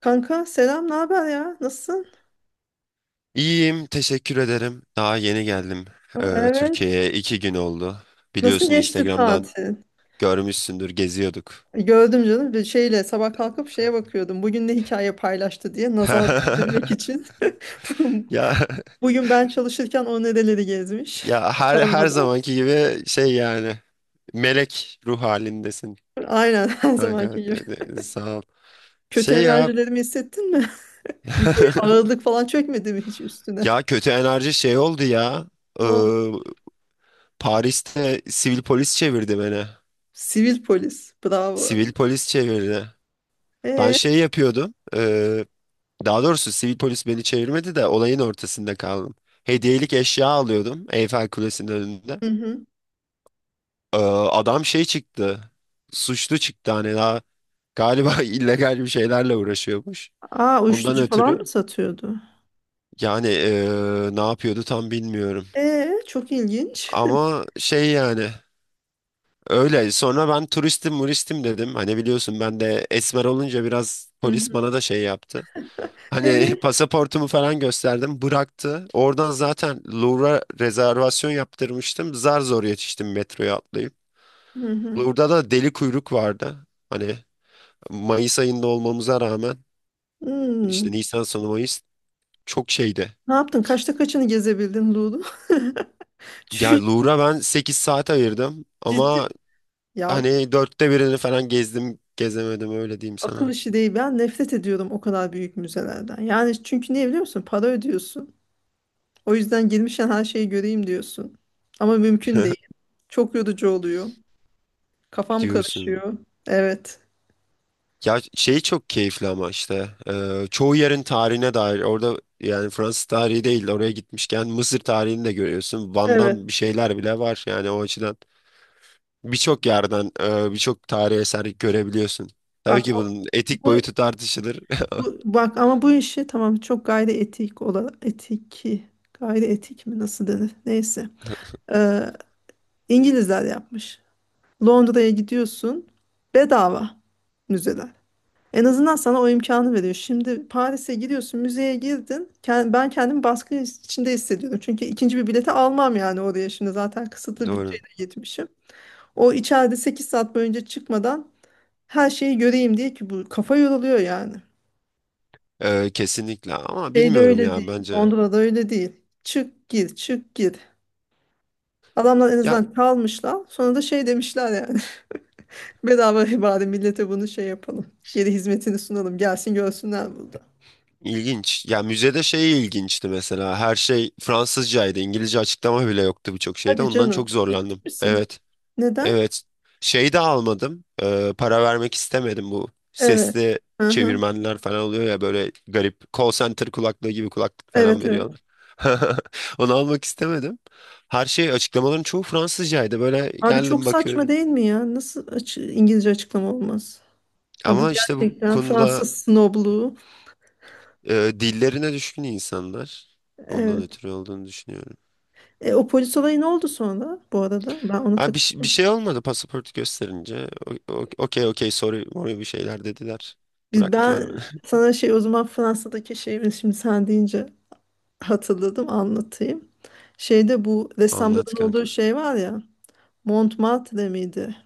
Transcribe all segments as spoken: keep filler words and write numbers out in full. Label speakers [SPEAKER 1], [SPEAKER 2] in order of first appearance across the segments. [SPEAKER 1] Kanka selam, ne haber ya? Nasılsın?
[SPEAKER 2] İyiyim, teşekkür ederim. Daha yeni geldim eee,
[SPEAKER 1] Evet.
[SPEAKER 2] Türkiye'ye. iki gün oldu.
[SPEAKER 1] Nasıl
[SPEAKER 2] Biliyorsun
[SPEAKER 1] geçti
[SPEAKER 2] Instagram'dan
[SPEAKER 1] tatil?
[SPEAKER 2] görmüşsündür, geziyorduk.
[SPEAKER 1] E, Gördüm canım bir şeyle sabah kalkıp şeye bakıyordum. Bugün ne hikaye paylaştı diye nazar değdirmek için.
[SPEAKER 2] Ya
[SPEAKER 1] Bugün ben çalışırken o nereleri gezmiş.
[SPEAKER 2] ya her her
[SPEAKER 1] Utanmadan.
[SPEAKER 2] zamanki gibi şey yani melek ruh halindesin
[SPEAKER 1] Aynen her
[SPEAKER 2] kanka.
[SPEAKER 1] zamanki
[SPEAKER 2] De-
[SPEAKER 1] gibi.
[SPEAKER 2] de- Sağ ol.
[SPEAKER 1] Kötü
[SPEAKER 2] Şey ya.
[SPEAKER 1] enerjilerimi hissettin mi? Bir böyle ağırlık falan çökmedi mi hiç üstüne?
[SPEAKER 2] Ya kötü enerji şey oldu ya.
[SPEAKER 1] Ne
[SPEAKER 2] Eee,
[SPEAKER 1] oldu?
[SPEAKER 2] Paris'te sivil polis çevirdi beni.
[SPEAKER 1] Sivil polis. Bravo.
[SPEAKER 2] Sivil polis çevirdi. Ben
[SPEAKER 1] Ee,
[SPEAKER 2] şey yapıyordum. e, Daha doğrusu sivil polis beni çevirmedi de olayın ortasında kaldım. Hediyelik eşya alıyordum Eyfel Kulesi'nin önünde.
[SPEAKER 1] hı hı.
[SPEAKER 2] Ee, adam şey çıktı. Suçlu çıktı hani daha galiba illegal bir şeylerle uğraşıyormuş.
[SPEAKER 1] Aa,
[SPEAKER 2] Ondan
[SPEAKER 1] uyuşturucu falan mı
[SPEAKER 2] ötürü
[SPEAKER 1] satıyordu?
[SPEAKER 2] yani ee, ne yapıyordu tam bilmiyorum.
[SPEAKER 1] Ee, çok ilginç.
[SPEAKER 2] Ama şey yani öyle sonra ben turistim muristim dedim. Hani biliyorsun ben de esmer olunca biraz polis
[SPEAKER 1] Hı
[SPEAKER 2] bana da şey yaptı. Hani
[SPEAKER 1] hı.
[SPEAKER 2] pasaportumu falan gösterdim. Bıraktı. Oradan zaten Louvre'a rezervasyon yaptırmıştım. Zar zor yetiştim metroya atlayıp.
[SPEAKER 1] Hı hı.
[SPEAKER 2] Louvre'da da deli kuyruk vardı. Hani Mayıs ayında olmamıza rağmen
[SPEAKER 1] Hmm.
[SPEAKER 2] işte Nisan sonu Mayıs çok şeydi.
[SPEAKER 1] Ne yaptın? Kaçta kaçını gezebildin Lulu?
[SPEAKER 2] Ya
[SPEAKER 1] Çünkü
[SPEAKER 2] Louvre'a ben sekiz saat ayırdım ama
[SPEAKER 1] ciddi ya,
[SPEAKER 2] hani dörtte birini falan gezdim gezemedim öyle diyeyim
[SPEAKER 1] akıl
[SPEAKER 2] sana.
[SPEAKER 1] işi değil. Ben nefret ediyorum o kadar büyük müzelerden. Yani çünkü niye biliyor musun? Para ödüyorsun. O yüzden girmişken her şeyi göreyim diyorsun. Ama mümkün değil. Çok yorucu oluyor. Kafam
[SPEAKER 2] Diyorsun.
[SPEAKER 1] karışıyor. Evet.
[SPEAKER 2] Ya şey çok keyifli ama işte e, çoğu yerin tarihine dair orada yani Fransız tarihi değil oraya gitmişken Mısır tarihini de görüyorsun. Van'dan bir
[SPEAKER 1] Evet.
[SPEAKER 2] şeyler bile var yani o açıdan birçok yerden e, birçok tarihi eser görebiliyorsun. Tabii
[SPEAKER 1] Bak
[SPEAKER 2] ki
[SPEAKER 1] o-
[SPEAKER 2] bunun etik
[SPEAKER 1] bu,
[SPEAKER 2] boyutu tartışılır.
[SPEAKER 1] bu- bak ama bu işi tamam çok gayri etik olarak etiki gayri etik mi nasıl denir? Neyse. Ee, İngilizler yapmış. Londra'ya gidiyorsun, bedava müzeler. En azından sana o imkanı veriyor. Şimdi Paris'e gidiyorsun, müzeye girdin. Ken- Ben kendimi baskı içinde hissediyordum. Çünkü ikinci bir bileti almam, yani oraya şimdi zaten kısıtlı
[SPEAKER 2] Doğru.
[SPEAKER 1] bütçeyle gitmişim. O içeride sekiz saat boyunca çıkmadan her şeyi göreyim diye, ki bu kafa yoruluyor yani.
[SPEAKER 2] E, kesinlikle ama
[SPEAKER 1] Şeyde
[SPEAKER 2] bilmiyorum
[SPEAKER 1] öyle
[SPEAKER 2] ya
[SPEAKER 1] değil.
[SPEAKER 2] bence.
[SPEAKER 1] Londra'da öyle değil. Çık gir, çık gir. Adamlar en
[SPEAKER 2] Ya
[SPEAKER 1] azından kalmışlar. Sonra da şey demişler yani. Bedava bari millete bunu şey yapalım. Geri hizmetini sunalım. Gelsin görsünler burada.
[SPEAKER 2] ilginç. Ya müzede şey ilginçti mesela her şey Fransızcaydı, İngilizce açıklama bile yoktu birçok şeyde,
[SPEAKER 1] Hadi
[SPEAKER 2] ondan çok
[SPEAKER 1] canım. Ciddi
[SPEAKER 2] zorlandım.
[SPEAKER 1] misin?
[SPEAKER 2] Evet.
[SPEAKER 1] Neden?
[SPEAKER 2] Evet. Şeyi de almadım. Ee, para vermek istemedim, bu
[SPEAKER 1] Evet.
[SPEAKER 2] sesli
[SPEAKER 1] Aha.
[SPEAKER 2] çevirmenler falan oluyor ya, böyle garip call center kulaklığı gibi kulaklık falan
[SPEAKER 1] Evet, evet.
[SPEAKER 2] veriyorlar. Onu almak istemedim. Her şey, açıklamaların çoğu Fransızcaydı. Böyle
[SPEAKER 1] Abi çok
[SPEAKER 2] geldim
[SPEAKER 1] saçma
[SPEAKER 2] bakıyorum.
[SPEAKER 1] değil mi ya? Nasıl açı- İngilizce açıklama olmaz? Ha, bu
[SPEAKER 2] Ama işte bu
[SPEAKER 1] gerçekten
[SPEAKER 2] konuda
[SPEAKER 1] Fransız snobluğu.
[SPEAKER 2] e, dillerine düşkün insanlar. Ondan
[SPEAKER 1] Evet.
[SPEAKER 2] ötürü olduğunu düşünüyorum.
[SPEAKER 1] E, o polis olayı ne oldu sonra bu arada? Ben onu
[SPEAKER 2] Ha, bir,
[SPEAKER 1] tak
[SPEAKER 2] ş- bir şey olmadı pasaportu gösterince. O- o- Okey okey sorry morry bir şeyler dediler.
[SPEAKER 1] Biz,
[SPEAKER 2] Bıraktılar
[SPEAKER 1] ben
[SPEAKER 2] beni.
[SPEAKER 1] sana şey, o zaman Fransa'daki şeyi şimdi sen deyince hatırladım, anlatayım. Şeyde bu
[SPEAKER 2] Anlat
[SPEAKER 1] ressamların olduğu
[SPEAKER 2] kanka.
[SPEAKER 1] şey var ya. Montmartre miydi?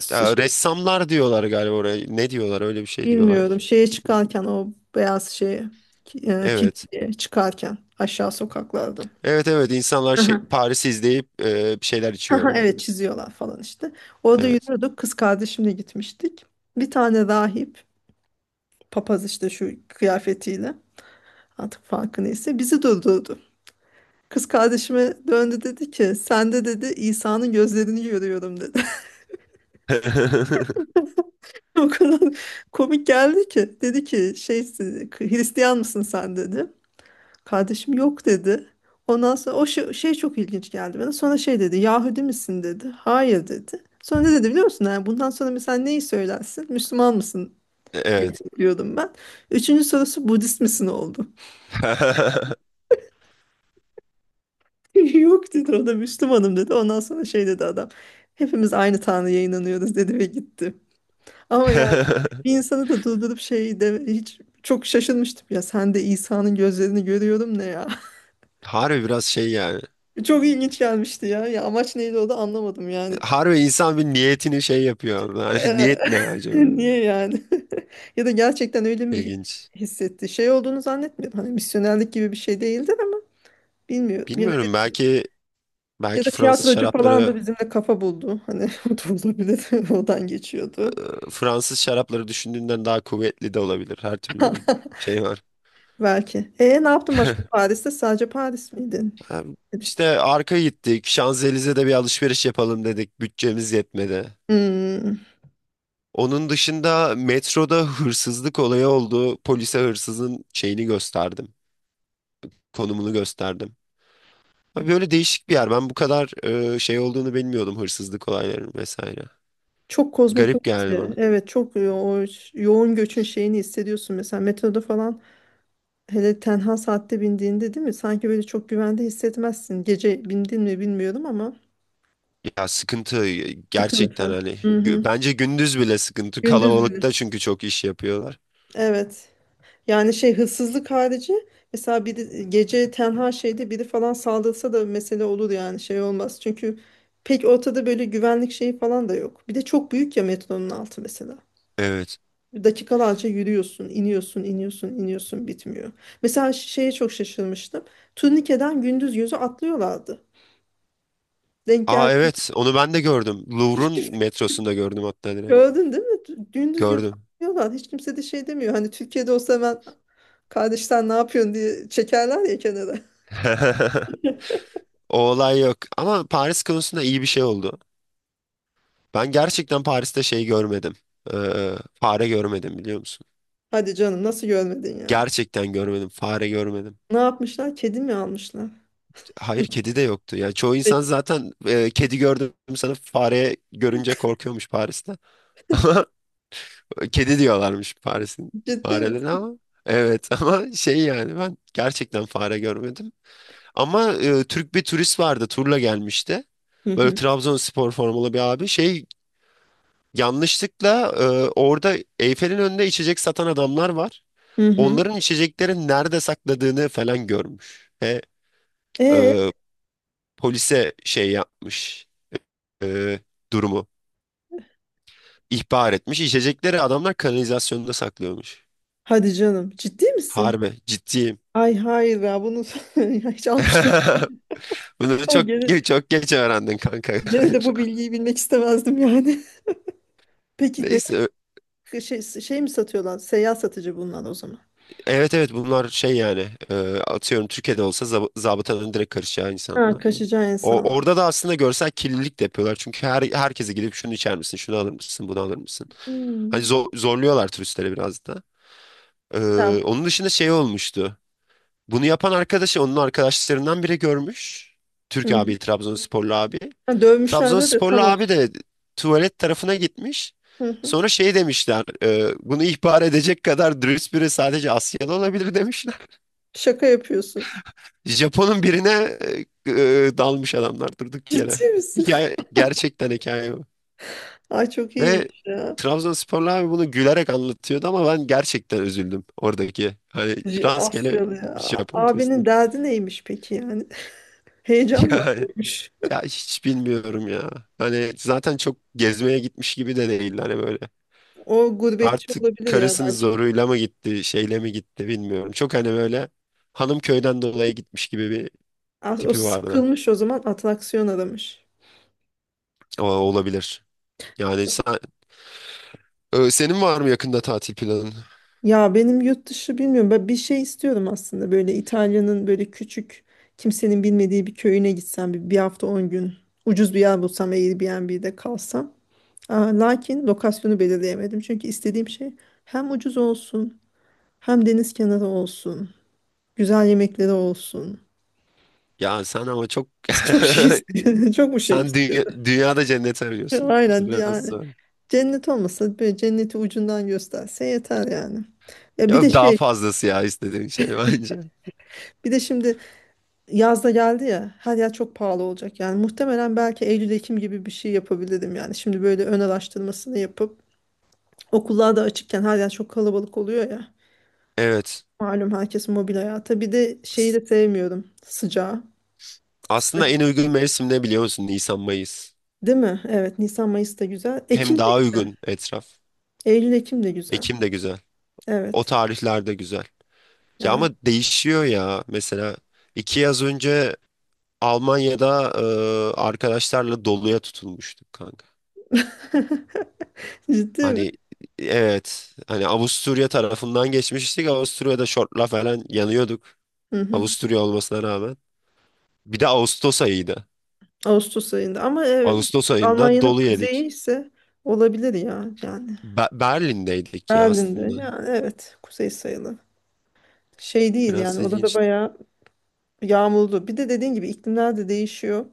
[SPEAKER 1] s-
[SPEAKER 2] Ya,
[SPEAKER 1] şey,
[SPEAKER 2] ressamlar diyorlar galiba oraya. Ne diyorlar? Öyle bir şey
[SPEAKER 1] bilmiyorum,
[SPEAKER 2] diyorlar.
[SPEAKER 1] şeye çıkarken o beyaz şeye, ki- e,
[SPEAKER 2] Evet.
[SPEAKER 1] kiliseye çıkarken aşağı sokaklarda.
[SPEAKER 2] Evet evet, insanlar şey,
[SPEAKER 1] Aha.
[SPEAKER 2] Paris'i izleyip e, bir şeyler içiyor
[SPEAKER 1] Aha,
[SPEAKER 2] orada.
[SPEAKER 1] evet, çiziyorlar falan işte. Orada
[SPEAKER 2] Evet.
[SPEAKER 1] yürüyorduk. Kız kardeşimle gitmiştik. Bir tane rahip, papaz işte, şu kıyafetiyle artık farkı neyse, bizi durdurdu. Kız kardeşime döndü, dedi ki sen de dedi İsa'nın gözlerini görüyorum dedi. O kadar komik geldi ki, dedi ki şey, Hristiyan mısın sen dedi. Kardeşim yok dedi. Ondan sonra o şey, şey çok ilginç geldi bana. Sonra şey dedi, Yahudi misin dedi. Hayır dedi. Sonra ne dedi biliyor musun? Yani bundan sonra mesela neyi söylersin? Müslüman mısın
[SPEAKER 2] Evet.
[SPEAKER 1] diyordum ben. Üçüncü sorusu Budist misin oldu. Yok dedi, o da Müslümanım dedi. Ondan sonra şey dedi adam. Hepimiz aynı Tanrı'ya inanıyoruz dedi ve gitti. Ama yani bir insanı da durdurup şey de, hiç çok şaşırmıştım ya, sen de İsa'nın gözlerini görüyorum, ne ya.
[SPEAKER 2] Harbi biraz şey yani.
[SPEAKER 1] Çok ilginç gelmişti ya. Ya amaç neydi o da anlamadım yani.
[SPEAKER 2] Harbi insan bir niyetini şey yapıyor. Yani niyet ne acaba?
[SPEAKER 1] Niye yani? Ya da gerçekten öyle mi
[SPEAKER 2] İlginç.
[SPEAKER 1] hissetti? Şey olduğunu zannetmiyorum. Hani misyonerlik gibi bir şey değildir ama bilmiyorum. Ya da,
[SPEAKER 2] Bilmiyorum, belki
[SPEAKER 1] ya da
[SPEAKER 2] belki Fransız
[SPEAKER 1] tiyatrocu falan da
[SPEAKER 2] şarapları
[SPEAKER 1] bizimle kafa buldu. Hani o da olabilir. Oradan geçiyordu.
[SPEAKER 2] Fransız şarapları düşündüğünden daha kuvvetli de olabilir, her türlü şey var.
[SPEAKER 1] Belki. E ne yaptın başka Paris'te? Sadece Paris miydin?
[SPEAKER 2] Hem İşte arka gittik. Şanzelize'de bir alışveriş yapalım dedik. Bütçemiz yetmedi.
[SPEAKER 1] Hmm,
[SPEAKER 2] Onun dışında metroda hırsızlık olayı oldu. Polise hırsızın şeyini gösterdim. Konumunu gösterdim. Abi böyle değişik bir yer. Ben bu kadar e, şey olduğunu bilmiyordum, hırsızlık olaylarının vesaire.
[SPEAKER 1] çok
[SPEAKER 2] Garip
[SPEAKER 1] kozmopolit
[SPEAKER 2] geldi
[SPEAKER 1] ya.
[SPEAKER 2] bana.
[SPEAKER 1] Evet çok yo- o ş- yoğun göçün şeyini hissediyorsun. Mesela metroda falan, hele tenha saatte bindiğinde, değil mi? Sanki böyle çok güvende hissetmezsin. Gece bindin mi bilmiyorum ama
[SPEAKER 2] Ya sıkıntı e, gerçekten
[SPEAKER 1] sıkıntı.
[SPEAKER 2] hani.
[SPEAKER 1] Hı
[SPEAKER 2] gü-
[SPEAKER 1] hı.
[SPEAKER 2] Bence gündüz bile sıkıntı.
[SPEAKER 1] Gündüz bile.
[SPEAKER 2] Kalabalıkta çünkü çok iş yapıyorlar.
[SPEAKER 1] Evet. Yani şey, hırsızlık harici mesela biri gece tenha şeyde biri falan saldırsa da mesele olur yani, şey olmaz. Çünkü pek ortada böyle güvenlik şeyi falan da yok. Bir de çok büyük ya metronun altı mesela.
[SPEAKER 2] Evet.
[SPEAKER 1] Dakikalarca yürüyorsun, iniyorsun, iniyorsun, iniyorsun, bitmiyor. Mesela şeye çok şaşırmıştım. Turnikeden gündüz yüzü atlıyorlardı. Denk geldi.
[SPEAKER 2] Aa evet, onu ben de gördüm. Louvre'un metrosunda gördüm hatta direkt.
[SPEAKER 1] Gördün değil mi? Dü- Gündüz gün
[SPEAKER 2] Gördüm.
[SPEAKER 1] diyorlar. Hiç kimse de şey demiyor. Hani Türkiye'de olsa hemen kardeş sen ne yapıyorsun diye çekerler ya kenara.
[SPEAKER 2] O olay yok. Ama Paris konusunda iyi bir şey oldu. Ben gerçekten Paris'te şey görmedim. Ee, fare görmedim biliyor musun?
[SPEAKER 1] Hadi canım, nasıl görmedin ya?
[SPEAKER 2] Gerçekten görmedim. Fare görmedim.
[SPEAKER 1] Ne yapmışlar? Kedi mi almışlar?
[SPEAKER 2] Hayır, kedi de yoktu. Ya çoğu insan
[SPEAKER 1] Peki.
[SPEAKER 2] zaten e, kedi gördüm sana, fare görünce korkuyormuş Paris'te. Ama kedi diyorlarmış Paris'in
[SPEAKER 1] Ciddi
[SPEAKER 2] farelerine
[SPEAKER 1] misin?
[SPEAKER 2] ama. Evet, ama şey yani ben gerçekten fare görmedim. Ama e, Türk bir turist vardı, turla gelmişti.
[SPEAKER 1] Hı
[SPEAKER 2] Böyle
[SPEAKER 1] hı.
[SPEAKER 2] Trabzonspor formalı bir abi şey, yanlışlıkla e, orada Eyfel'in önünde içecek satan adamlar var.
[SPEAKER 1] Hı hı.
[SPEAKER 2] Onların içeceklerin nerede sakladığını falan görmüş. Ve
[SPEAKER 1] Ee,
[SPEAKER 2] e, polise şey yapmış, e, durumu ihbar etmiş. İçecekleri adamlar kanalizasyonda saklıyormuş.
[SPEAKER 1] hadi canım. Ciddi misin?
[SPEAKER 2] Harbi ciddiyim.
[SPEAKER 1] Ay hayır ya, bunu ya hiç almıştım.
[SPEAKER 2] Bunu
[SPEAKER 1] Ama
[SPEAKER 2] çok
[SPEAKER 1] gene,
[SPEAKER 2] çok geç öğrendin kanka
[SPEAKER 1] gene de bu
[SPEAKER 2] galiba.
[SPEAKER 1] bilgiyi bilmek istemezdim yani. Peki neden
[SPEAKER 2] Neyse.
[SPEAKER 1] şey, şey mi satıyorlar? Seyyar satıcı bunlar o zaman.
[SPEAKER 2] Evet evet, bunlar şey yani, e, atıyorum Türkiye'de olsa zab zabıtanın direkt karışacağı
[SPEAKER 1] Ha,
[SPEAKER 2] insanlar.
[SPEAKER 1] kaçacağı
[SPEAKER 2] O,
[SPEAKER 1] insan.
[SPEAKER 2] orada da aslında görsel kirlilik de yapıyorlar. Çünkü her, herkese gidip şunu içer misin, şunu alır mısın, bunu alır mısın? Hani
[SPEAKER 1] Hmm.
[SPEAKER 2] zor, zorluyorlar turistleri biraz da. E,
[SPEAKER 1] Ya,
[SPEAKER 2] onun dışında şey olmuştu. Bunu yapan arkadaşı, onun arkadaşlarından biri görmüş.
[SPEAKER 1] hı
[SPEAKER 2] Türk
[SPEAKER 1] hı.
[SPEAKER 2] abi, Trabzonsporlu abi.
[SPEAKER 1] Ha, dövmüşlerdi de
[SPEAKER 2] Trabzonsporlu
[SPEAKER 1] tam
[SPEAKER 2] abi
[SPEAKER 1] olsun.
[SPEAKER 2] de tuvalet tarafına gitmiş.
[SPEAKER 1] Hı hı.
[SPEAKER 2] Sonra şey demişler, e, bunu ihbar edecek kadar dürüst biri sadece Asyalı olabilir,
[SPEAKER 1] Şaka yapıyorsun.
[SPEAKER 2] Japon'un birine e, e, dalmış adamlar durduk yere.
[SPEAKER 1] Ciddi misin?
[SPEAKER 2] Hikaye, gerçekten hikaye bu.
[SPEAKER 1] Ay çok
[SPEAKER 2] Ve
[SPEAKER 1] iyiymiş ya.
[SPEAKER 2] Trabzonsporlu abi bunu gülerek anlatıyordu ama ben gerçekten üzüldüm oradaki. Hani
[SPEAKER 1] C-
[SPEAKER 2] rastgele
[SPEAKER 1] Asyalı ya.
[SPEAKER 2] Japon turist.
[SPEAKER 1] Abinin derdi neymiş peki yani? Heyecan mı
[SPEAKER 2] Yani,
[SPEAKER 1] arıyormuş?
[SPEAKER 2] ya hiç bilmiyorum ya. Hani zaten çok gezmeye gitmiş gibi de değil hani böyle.
[SPEAKER 1] O gurbetçi
[SPEAKER 2] Artık
[SPEAKER 1] olabilir ya
[SPEAKER 2] karısının
[SPEAKER 1] belki.
[SPEAKER 2] zoruyla mı gitti, şeyle mi gitti bilmiyorum. Çok hani böyle hanım köyden dolayı gitmiş gibi bir
[SPEAKER 1] As- O
[SPEAKER 2] tipi vardı.
[SPEAKER 1] sıkılmış o zaman, atraksiyon aramış.
[SPEAKER 2] Ama olabilir. Yani sa- Ee, senin var mı yakında tatil planın?
[SPEAKER 1] Ya benim yurt dışı, bilmiyorum. Ben bir şey istiyorum aslında. Böyle İtalya'nın böyle küçük, kimsenin bilmediği bir köyüne gitsem bir, bir hafta on gün. Ucuz bir yer bulsam, Airbnb'de kalsam. Aa, lakin lokasyonu belirleyemedim. Çünkü istediğim şey hem ucuz olsun, hem deniz kenarı olsun, güzel yemekleri olsun.
[SPEAKER 2] Ya sen ama çok,
[SPEAKER 1] Çok şey istiyorum. Çok bu şey
[SPEAKER 2] sen dünya,
[SPEAKER 1] istiyorum.
[SPEAKER 2] dünyada cennet arıyorsun.
[SPEAKER 1] Aynen
[SPEAKER 2] Biraz
[SPEAKER 1] yani.
[SPEAKER 2] da.
[SPEAKER 1] Cennet olmasa böyle cenneti ucundan gösterse yeter yani. Ya bir de
[SPEAKER 2] Ya daha
[SPEAKER 1] şey,
[SPEAKER 2] fazlası ya istediğin şey, bence.
[SPEAKER 1] bir de şimdi yazda geldi ya, her yer çok pahalı olacak. Yani muhtemelen belki Eylül Ekim gibi bir şey yapabilirim yani. Şimdi böyle ön araştırmasını yapıp, okullar da açıkken her yer çok kalabalık oluyor ya.
[SPEAKER 2] Evet.
[SPEAKER 1] Malum herkes mobil hayata. Bir de şeyi
[SPEAKER 2] As-
[SPEAKER 1] de sevmiyorum. Sıcağı.
[SPEAKER 2] Aslında
[SPEAKER 1] Sıcak.
[SPEAKER 2] en uygun mevsim ne biliyor musun? Nisan, Mayıs.
[SPEAKER 1] Değil mi? Evet. Nisan Mayıs da güzel.
[SPEAKER 2] Hem
[SPEAKER 1] Ekim de
[SPEAKER 2] daha
[SPEAKER 1] güzel.
[SPEAKER 2] uygun etraf.
[SPEAKER 1] Eylül Ekim de güzel.
[SPEAKER 2] Ekim de güzel. O
[SPEAKER 1] Evet.
[SPEAKER 2] tarihler de güzel. Ya
[SPEAKER 1] Yani
[SPEAKER 2] ama değişiyor ya. Mesela iki yaz önce Almanya'da e, arkadaşlarla doluya tutulmuştuk kanka.
[SPEAKER 1] ciddi mi?
[SPEAKER 2] Hani evet, hani Avusturya tarafından geçmiştik. Avusturya'da şortla falan yanıyorduk.
[SPEAKER 1] Hı hı.
[SPEAKER 2] Avusturya olmasına rağmen. Bir de Ağustos ayıydı.
[SPEAKER 1] Ağustos ayında. Ama evet,
[SPEAKER 2] Ağustos ayında
[SPEAKER 1] Almanya'nın
[SPEAKER 2] dolu
[SPEAKER 1] kuzeyi
[SPEAKER 2] yedik.
[SPEAKER 1] ise olabilir ya. Yani
[SPEAKER 2] Be- Berlin'deydik ya
[SPEAKER 1] Berlin'de.
[SPEAKER 2] aslında.
[SPEAKER 1] Yani evet. Kuzey sayılı. Şey değil
[SPEAKER 2] Biraz
[SPEAKER 1] yani. Orada da
[SPEAKER 2] ilginç.
[SPEAKER 1] bayağı yağmurlu. Bir de dediğin gibi iklimler de değişiyor.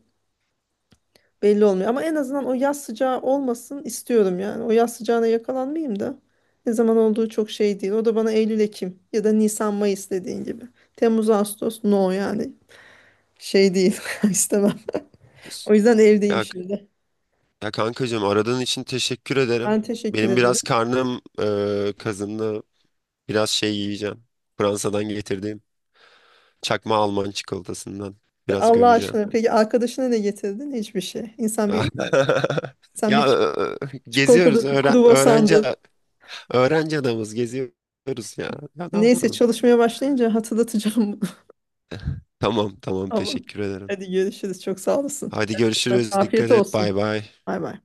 [SPEAKER 1] Belli olmuyor ama en azından o yaz sıcağı olmasın istiyorum yani. O yaz sıcağına yakalanmayayım da, ne zaman olduğu çok şey değil. O da bana Eylül, Ekim ya da Nisan, Mayıs dediğin gibi. Temmuz, Ağustos no yani, şey değil, istemem. O yüzden evdeyim
[SPEAKER 2] Ya,
[SPEAKER 1] şimdi.
[SPEAKER 2] ya kankacığım, aradığın için teşekkür ederim.
[SPEAKER 1] Ben teşekkür
[SPEAKER 2] Benim
[SPEAKER 1] ederim.
[SPEAKER 2] biraz karnım e, kazındı. Biraz şey yiyeceğim. Fransa'dan getirdiğim çakma Alman çikolatasından
[SPEAKER 1] Ve
[SPEAKER 2] biraz
[SPEAKER 1] Allah
[SPEAKER 2] gömeceğim.
[SPEAKER 1] aşkına peki arkadaşına ne getirdin? Hiçbir şey. İnsan
[SPEAKER 2] Ya,
[SPEAKER 1] bir, sen bir
[SPEAKER 2] ya
[SPEAKER 1] ç-
[SPEAKER 2] e, geziyoruz,
[SPEAKER 1] çikolatadır, bir
[SPEAKER 2] öğren öğrenci
[SPEAKER 1] kruvasandır.
[SPEAKER 2] öğrenci adamız, geziyoruz ya. Ya ne
[SPEAKER 1] Neyse
[SPEAKER 2] yapalım?
[SPEAKER 1] çalışmaya başlayınca hatırlatacağım bunu.
[SPEAKER 2] Tamam tamam,
[SPEAKER 1] Ama
[SPEAKER 2] teşekkür ederim.
[SPEAKER 1] hadi görüşürüz. Çok sağ olasın.
[SPEAKER 2] Hadi
[SPEAKER 1] Kendine iyi bak.
[SPEAKER 2] görüşürüz. Dikkat
[SPEAKER 1] Afiyet
[SPEAKER 2] et. Bay
[SPEAKER 1] olsun.
[SPEAKER 2] bay.
[SPEAKER 1] Bay bay.